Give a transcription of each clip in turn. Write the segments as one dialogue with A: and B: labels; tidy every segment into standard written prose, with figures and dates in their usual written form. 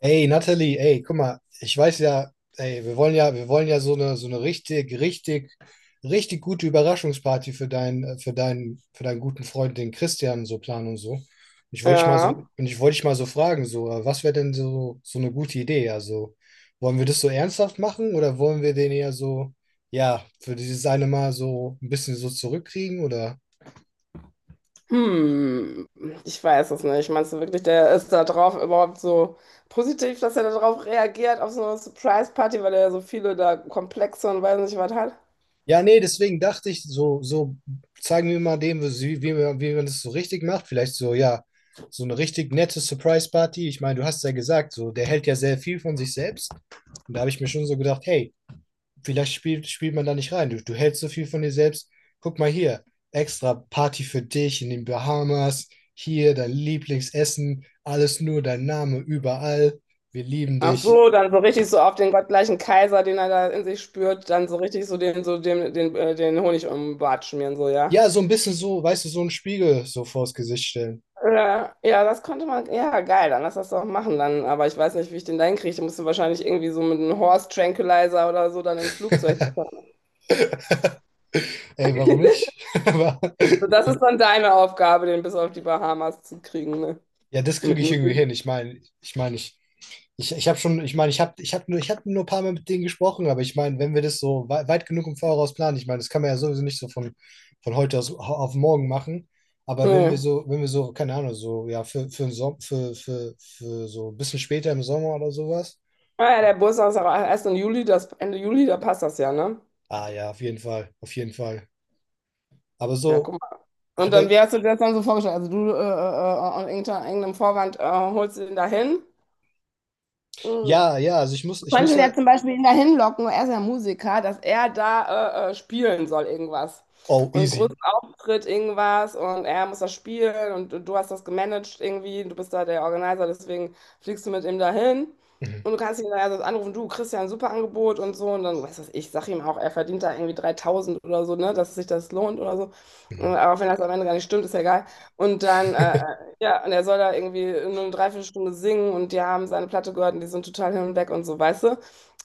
A: Ey, Natalie, ey, guck mal, ich weiß ja, ey, wir wollen ja so eine, so eine richtig gute Überraschungsparty für deinen guten Freund, den Christian, so planen und so. Ich wollte dich mal so,
B: Ja,
A: und ich wollte dich mal so fragen, so, was wäre denn so, so eine gute Idee? Also, wollen wir das so ernsthaft machen oder wollen wir den eher so, ja, für dieses eine Mal so ein bisschen so zurückkriegen oder?
B: hm, ich weiß es nicht. Meinst du wirklich, der ist da drauf überhaupt so positiv, dass er darauf reagiert, auf so eine Surprise-Party, weil er ja so viele da Komplexe und weiß nicht was hat?
A: Ja, nee, deswegen dachte ich, so, so zeigen wir mal dem, wie man das so richtig macht. Vielleicht so, ja, so eine richtig nette Surprise-Party. Ich meine, du hast ja gesagt, so, der hält ja sehr viel von sich selbst. Und da habe ich mir schon so gedacht, hey, vielleicht spielt man da nicht rein. Du hältst so viel von dir selbst. Guck mal hier, extra Party für dich in den Bahamas. Hier dein Lieblingsessen. Alles nur dein Name überall. Wir lieben
B: Ach
A: dich.
B: so, dann so richtig so auf den gottgleichen Kaiser, den er da in sich spürt, dann so richtig den Honig um den Bart schmieren, so, ja.
A: Ja, so ein bisschen so, weißt du, so einen Spiegel so vors Gesicht stellen.
B: Ja, ja, das könnte man, ja, geil, dann lass das doch machen dann, aber ich weiß nicht, wie ich den da hinkriege. Ich musste wahrscheinlich irgendwie so mit einem Horse Tranquilizer oder so dann ins Flugzeug
A: Ey, warum nicht? Aber,
B: So, Das ist dann deine Aufgabe, den bis auf die Bahamas zu kriegen, ne?
A: ja, das kriege
B: Mit
A: ich irgendwie
B: möglich.
A: hin. Ich meine, ich habe schon, ich meine, ich habe nur ein paar Mal mit denen gesprochen, aber ich meine, wenn wir das so weit genug im Voraus planen, ich meine, das kann man ja sowieso nicht so von heute aus, auf morgen machen. Aber wenn wir
B: Nee.
A: so, wenn wir so, keine Ahnung, so, ja, für, den Som- für so ein bisschen später im Sommer oder sowas.
B: Ah ja, der Bus ist auch erst im Juli, das Ende Juli, da passt das ja, ne?
A: Ah ja, auf jeden Fall, auf jeden Fall. Aber
B: Ja,
A: so
B: guck mal. Und
A: hat
B: dann,
A: er,
B: wie hast du dir das dann so vorgestellt? Also du unter irgendeinem Vorwand holst du ihn dahin. Mm.
A: ja, ja, also ich muss,
B: Du
A: ich
B: kannst
A: muss
B: ja
A: halt,
B: zum Beispiel ihn dahin locken, er ist ja Musiker, dass er da spielen soll irgendwas.
A: oh,
B: Und einen
A: easy.
B: großen Auftritt irgendwas und er muss das spielen und du hast das gemanagt irgendwie, du bist da der Organizer, deswegen fliegst du mit ihm dahin.
A: Mhm,
B: Und du kannst ihn dann also anrufen, du kriegst ja ein super Angebot und so. Und dann, was weiß ich, sag ihm auch, er verdient da irgendwie 3000 oder so, ne, dass sich das lohnt oder so.
A: mhm.
B: Aber auch wenn das am Ende gar nicht stimmt, ist ja egal. Und dann Ja, und er soll da irgendwie nur eine Dreiviertelstunde singen und die haben seine Platte gehört und die sind total hin und weg und so, weißt du?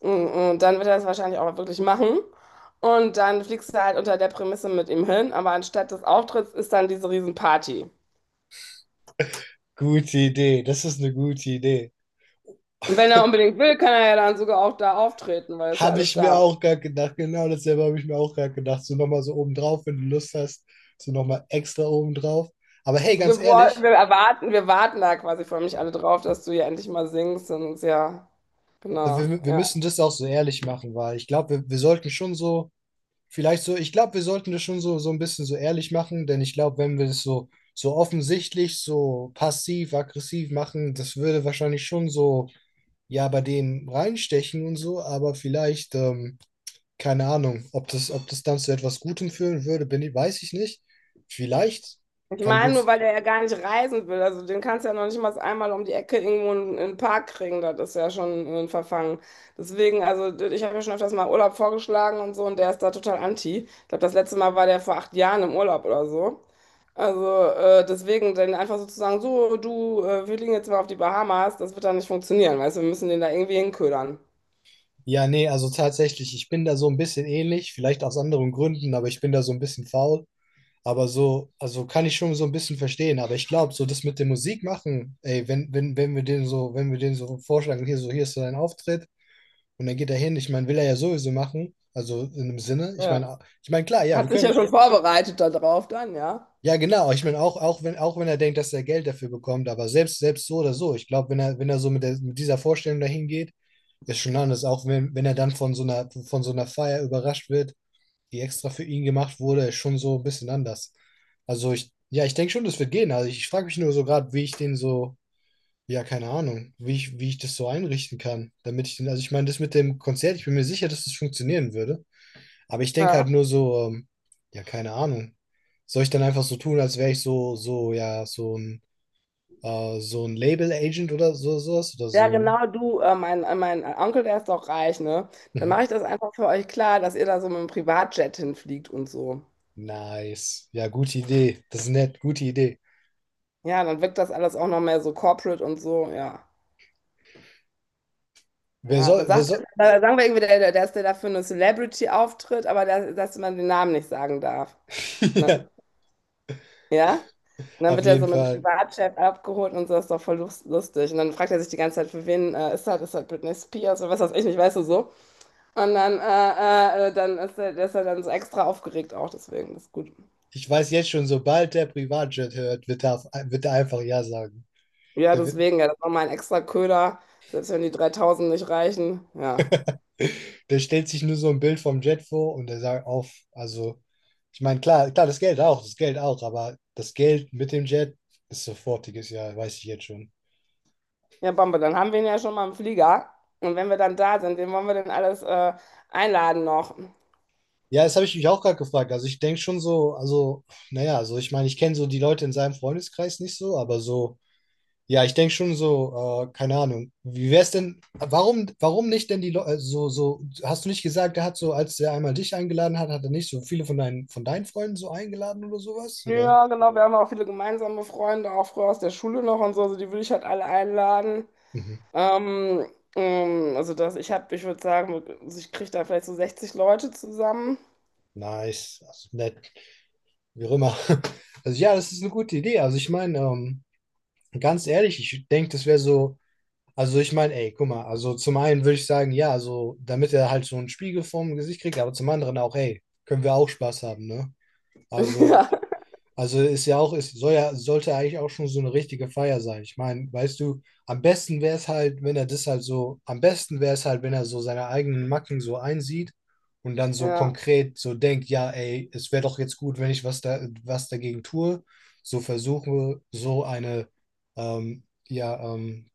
B: Und dann wird er das wahrscheinlich auch wirklich machen. Und dann fliegst du halt unter der Prämisse mit ihm hin, aber anstatt des Auftritts ist dann diese Riesenparty.
A: Gute Idee, das ist eine gute Idee.
B: Und wenn er unbedingt will, kann er ja dann sogar auch da auftreten, weil das ja
A: Habe
B: alles
A: ich mir
B: da.
A: auch gerade gedacht, genau dasselbe habe ich mir auch gerade gedacht. So nochmal so obendrauf, wenn du Lust hast, so nochmal extra obendrauf. Aber hey, ganz ehrlich,
B: Wir warten da quasi für mich alle drauf, dass du ja endlich mal singst und ja,
A: aber
B: genau.
A: wir
B: Ja.
A: müssen das auch so ehrlich machen, weil ich glaube, wir sollten schon so, vielleicht so, ich glaube, wir sollten das schon so, so ein bisschen so ehrlich machen, denn ich glaube, wenn wir das so, so offensichtlich, so passiv, aggressiv machen, das würde wahrscheinlich schon so, ja, bei denen reinstechen und so, aber vielleicht, keine Ahnung, ob das dann zu etwas Gutem führen würde, bin ich, weiß ich nicht. Vielleicht,
B: Ich
A: kann
B: meine
A: gut.
B: nur, weil der ja gar nicht reisen will. Also den kannst du ja noch nicht mal einmal um die Ecke irgendwo in den Park kriegen. Das ist ja schon ein Verfangen. Deswegen, also ich habe mir schon öfters mal Urlaub vorgeschlagen und so und der ist da total anti. Ich glaube, das letzte Mal war der vor acht Jahren im Urlaub oder so. Also deswegen, dann einfach so zu sagen, so du, wir fliegen jetzt mal auf die Bahamas, das wird dann nicht funktionieren, weißt du, wir müssen den da irgendwie hinködern.
A: Ja, nee, also tatsächlich, ich bin da so ein bisschen ähnlich, vielleicht aus anderen Gründen, aber ich bin da so ein bisschen faul. Aber so, also kann ich schon so ein bisschen verstehen. Aber ich glaube, so das mit der Musik machen, ey, wenn wir den so vorschlagen, hier so, hier ist so dein Auftritt und dann geht er hin, ich meine, will er ja sowieso machen. Also in dem Sinne, ich
B: Ja.
A: meine, ich meine, klar, ja, wir
B: Hat sich ja
A: können,
B: schon vorbereitet darauf dann, ja.
A: ja, genau. Ich meine, auch wenn er denkt, dass er Geld dafür bekommt, aber selbst, selbst so oder so, ich glaube, wenn er, wenn er so mit, der, mit dieser Vorstellung dahin geht, ist schon anders. Auch wenn, wenn er dann von so einer Feier überrascht wird, die extra für ihn gemacht wurde, ist schon so ein bisschen anders. Also ich, ja, ich denke schon, das wird gehen. Also ich frage mich nur so gerade, wie ich den so, ja, keine Ahnung, wie ich das so einrichten kann, damit ich den, also ich meine, das mit dem Konzert, ich bin mir sicher, dass das funktionieren würde. Aber ich denke halt
B: Ja.
A: nur so, ja, keine Ahnung. Soll ich dann einfach so tun, als wäre ich so, so, ja, so ein Label-Agent oder so, sowas? Oder
B: Ja,
A: so ein.
B: genau, du, mein, mein Onkel, der ist doch reich, ne? Dann
A: Mhm.
B: mache ich das einfach für euch klar, dass ihr da so mit dem Privatjet hinfliegt und so.
A: Nice. Ja, gute Idee. Das ist nett, gute Idee.
B: Ja, dann wirkt das alles auch noch mehr so corporate und so, ja.
A: Wer
B: Ja,
A: soll,
B: dann
A: wer
B: sagt
A: soll.
B: dann sagen wir irgendwie, dass der dafür eine Celebrity auftritt, aber der, dass man den Namen nicht sagen darf.
A: Ja,
B: Ne? Ja? Und dann
A: auf
B: wird er
A: jeden
B: so mit dem
A: Fall.
B: Privatjet abgeholt und so, ist doch voll lustig. Und dann fragt er sich die ganze Zeit, für wen ist das? Ist das Britney Spears oder was weiß ich nicht, weißt du so. Und dann, dann ist er, der ist er dann so extra aufgeregt auch, deswegen, das ist gut.
A: Ich weiß jetzt schon, sobald der Privatjet hört, wird er, auf, wird er einfach Ja sagen.
B: Ja,
A: Der wird,
B: deswegen, ja, das ist nochmal ein extra Köder, selbst wenn die 3000 nicht reichen. Ja.
A: der stellt sich nur so ein Bild vom Jet vor und der sagt auf, also, ich meine, klar, klar, das Geld auch, aber das Geld mit dem Jet ist sofortiges, ja, weiß ich jetzt schon.
B: Ja, Bombe, dann haben wir ihn ja schon mal im Flieger. Und wenn wir dann da sind, wen wollen wir denn alles einladen noch?
A: Ja, das habe ich mich auch gerade gefragt. Also ich denke schon so, also, naja, also ich meine, ich kenne so die Leute in seinem Freundeskreis nicht so, aber so, ja, ich denke schon so, keine Ahnung. Wie wäre es denn, warum nicht denn die Leute, so, so, hast du nicht gesagt, er hat so, als er einmal dich eingeladen hat, hat er nicht so viele von von deinen Freunden so eingeladen oder sowas? Oder?
B: Ja, genau, wir haben auch viele gemeinsame Freunde, auch früher aus der Schule noch und so, also die würde ich halt alle einladen.
A: Mhm.
B: Ähm, also das, ich würde sagen, also ich kriege da vielleicht so 60 Leute zusammen.
A: Nice, also nett, wie auch immer. Also ja, das ist eine gute Idee. Also ich meine, ganz ehrlich, ich denke, das wäre so, also ich meine, ey, guck mal, also zum einen würde ich sagen, ja, also damit er halt so einen Spiegel vorm Gesicht kriegt, aber zum anderen auch, ey, können wir auch Spaß haben, ne? Also
B: Ja,
A: also ist ja auch, ist, soll ja, sollte eigentlich auch schon so eine richtige Feier sein. Ich meine, weißt du, am besten wäre es halt, wenn er das halt so, am besten wäre es halt, wenn er so seine eigenen Macken so einsieht und dann so
B: ja.
A: konkret so denkt, ja, ey, es wäre doch jetzt gut, wenn ich was da, was dagegen tue, so versuche, so eine, ähm, ja, ähm,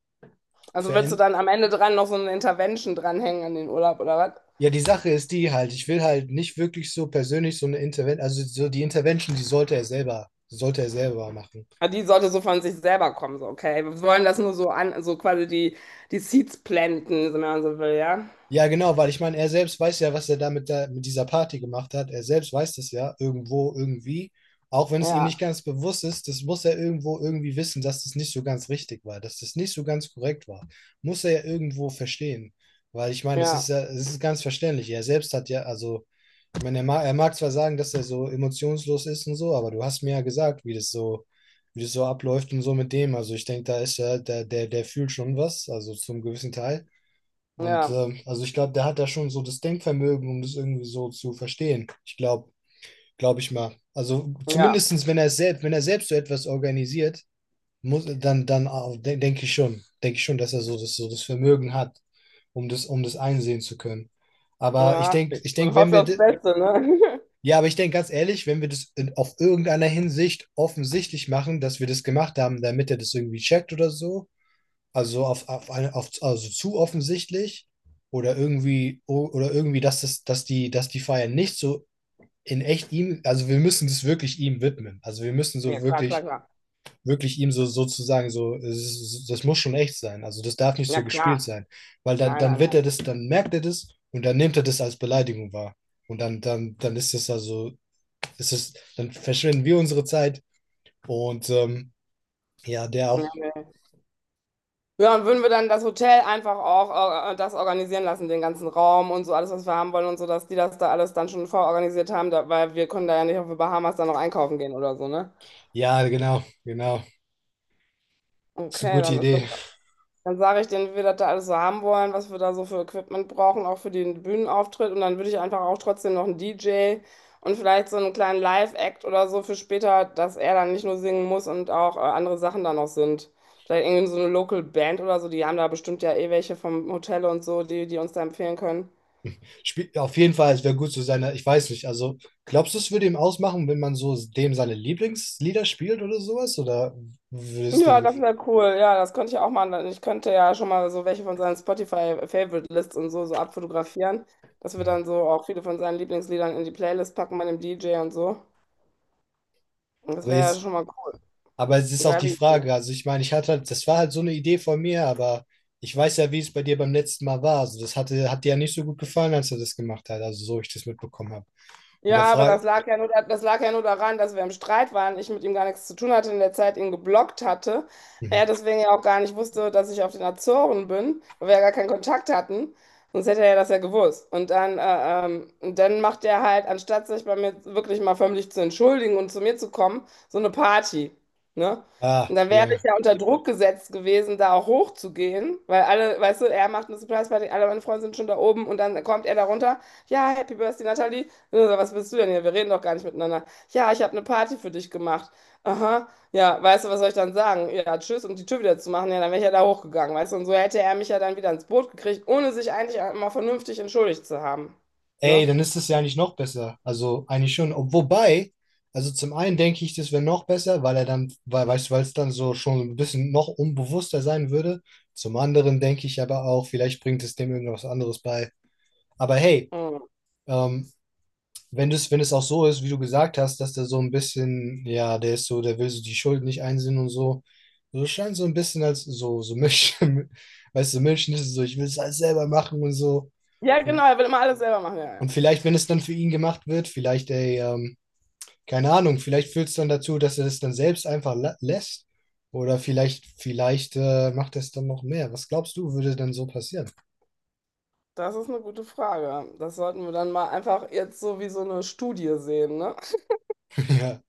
B: Also willst du
A: verändern.
B: dann am Ende dran noch so eine Intervention dranhängen an den Urlaub oder was?
A: Ja, die Sache ist die halt, ich will halt nicht wirklich so persönlich so eine Intervention, also so die Intervention, die sollte er selber machen.
B: Ja, die sollte so von sich selber kommen, so, okay. Wir wollen das nur so an, so quasi die Seeds planten, so wenn man so will, ja.
A: Ja, genau, weil ich meine, er selbst weiß ja, was er da mit, der, mit dieser Party gemacht hat. Er selbst weiß das ja irgendwo, irgendwie. Auch wenn es ihm nicht
B: Ja,
A: ganz bewusst ist, das muss er irgendwo irgendwie wissen, dass das nicht so ganz richtig war, dass das nicht so ganz korrekt war. Muss er ja irgendwo verstehen. Weil ich meine, das ist
B: ja,
A: ja, das ist ganz verständlich. Er selbst hat ja, also, ich meine, er mag zwar sagen, dass er so emotionslos ist und so, aber du hast mir ja gesagt, wie das so abläuft und so mit dem. Also ich denke, da ist ja, der fühlt schon was, also zum gewissen Teil. Und
B: ja,
A: also ich glaube, der hat da schon so das Denkvermögen, um das irgendwie so zu verstehen. Glaube ich mal. Also
B: ja,
A: zumindestens, wenn er selbst so etwas organisiert, muss, dann, dann auch, de denke ich schon, dass er so das Vermögen hat, um das einsehen zu können. Aber ich
B: ja.
A: denke, ich
B: Man
A: denke, wenn
B: hofft
A: wir,
B: aufs Beste, ne?
A: ja, aber ich denke ganz ehrlich, wenn wir das in, auf irgendeiner Hinsicht offensichtlich machen, dass wir das gemacht haben, damit er das irgendwie checkt oder so, also auf eine, auf, also zu offensichtlich oder irgendwie, oder irgendwie, dass das, dass die Feier nicht so in echt ihm, also wir müssen das wirklich ihm widmen. Also wir müssen
B: Ja,
A: so
B: klar, klar,
A: wirklich,
B: klar.
A: wirklich ihm so sozusagen so, es ist- das muss schon echt sein. Also das darf nicht
B: Ja,
A: so gespielt
B: klar.
A: sein. Weil dann,
B: Nein,
A: dann
B: nein,
A: wird
B: nein.
A: er das, dann merkt er das und dann nimmt er das als Beleidigung wahr. Und dann ist es also, ist es, dann verschwenden wir unsere Zeit und ja, der auch.
B: Ja, Ja, und würden wir dann das Hotel einfach auch das organisieren lassen, den ganzen Raum und so alles, was wir haben wollen und so, dass die das da alles dann schon vororganisiert haben, da, weil wir können da ja nicht auf die Bahamas dann noch einkaufen gehen oder so, ne?
A: Ja, genau, genau. Ist eine
B: Okay,
A: gute
B: dann ist das
A: Idee.
B: Dann sage ich denen, wie wir das da alles so haben wollen, was wir da so für Equipment brauchen, auch für den Bühnenauftritt. Und dann würde ich einfach auch trotzdem noch einen DJ und vielleicht so einen kleinen Live-Act oder so für später, dass er dann nicht nur singen muss und auch andere Sachen da noch sind. Vielleicht irgendwie so eine Local Band oder so, die haben da bestimmt ja eh welche vom Hotel und so, die uns da empfehlen können.
A: Spiel, auf jeden Fall, es wäre gut zu seiner, ich weiß nicht, also glaubst du, es würde ihm ausmachen, wenn man so dem seine Lieblingslieder spielt oder sowas? Oder würde es dem
B: Ja, das, mhm,
A: gefallen?
B: wäre cool. Ja, das könnte ich auch machen. Weil ich könnte ja schon mal so welche von seinen Spotify-Favorite-Lists und so, so abfotografieren, dass wir
A: Hm.
B: dann so auch viele von seinen Lieblingsliedern in die Playlist packen bei dem DJ und so. Das
A: Aber
B: wäre ja
A: jetzt,
B: schon mal cool.
A: aber es ist auch die
B: Geile Idee.
A: Frage, also ich meine, ich hatte halt, das war halt so eine Idee von mir, aber ich weiß ja, wie es bei dir beim letzten Mal war. Also das hatte, hat dir ja nicht so gut gefallen, als du das gemacht hast, also so ich das mitbekommen habe. Und
B: Ja,
A: der
B: aber
A: Frage,
B: das lag ja nur daran, dass wir im Streit waren, ich mit ihm gar nichts zu tun hatte, in der Zeit ihn geblockt hatte. Er
A: mhm.
B: deswegen ja auch gar nicht wusste, dass ich auf den Azoren bin, weil wir ja gar keinen Kontakt hatten. Sonst hätte er ja das ja gewusst. Und dann macht er halt, anstatt sich bei mir wirklich mal förmlich zu entschuldigen und zu mir zu kommen, so eine Party. Ne?
A: Ah,
B: Und dann wäre ich
A: ja,
B: ja unter Druck gesetzt gewesen, da auch hochzugehen, weil alle, weißt du, er macht eine Surprise-Party, alle meine Freunde sind schon da oben und dann kommt er da runter. Ja, Happy Birthday, Natalie. Ich so, was willst du denn hier? Wir reden doch gar nicht miteinander. Ja, ich habe eine Party für dich gemacht. Aha, ja, weißt du, was soll ich dann sagen? Ja, tschüss und die Tür wieder zu machen. Ja, dann wäre ich ja da hochgegangen, weißt du? Und so hätte er mich ja dann wieder ins Boot gekriegt, ohne sich eigentlich mal vernünftig entschuldigt zu haben.
A: ey,
B: Ne?
A: dann ist es ja eigentlich noch besser. Also eigentlich schon. Ob- wobei, also zum einen denke ich, das wäre noch besser, weil er dann, weil, weißt du, weil es dann so schon ein bisschen noch unbewusster sein würde. Zum anderen denke ich aber auch, vielleicht bringt es dem irgendwas anderes bei. Aber hey,
B: Mhm.
A: ähm, wenn das, wenn es auch so ist, wie du gesagt hast, dass der so ein bisschen, ja, der ist so, der will so die Schuld nicht einsehen und so. So scheint so ein bisschen als so, so Milch, weißt du, Milch ist es so, ich will es alles selber machen und so.
B: Ja, genau,
A: Und
B: er will immer alles selber machen. Ja, ja.
A: und vielleicht, wenn es dann für ihn gemacht wird, vielleicht, ey, keine Ahnung, vielleicht führt es dann dazu, dass er es dann selbst einfach lässt. Oder vielleicht, vielleicht macht er es dann noch mehr. Was glaubst du, würde denn so passieren?
B: Das ist eine gute Frage. Das sollten wir dann mal einfach jetzt so wie so eine Studie sehen, ne?
A: Ja.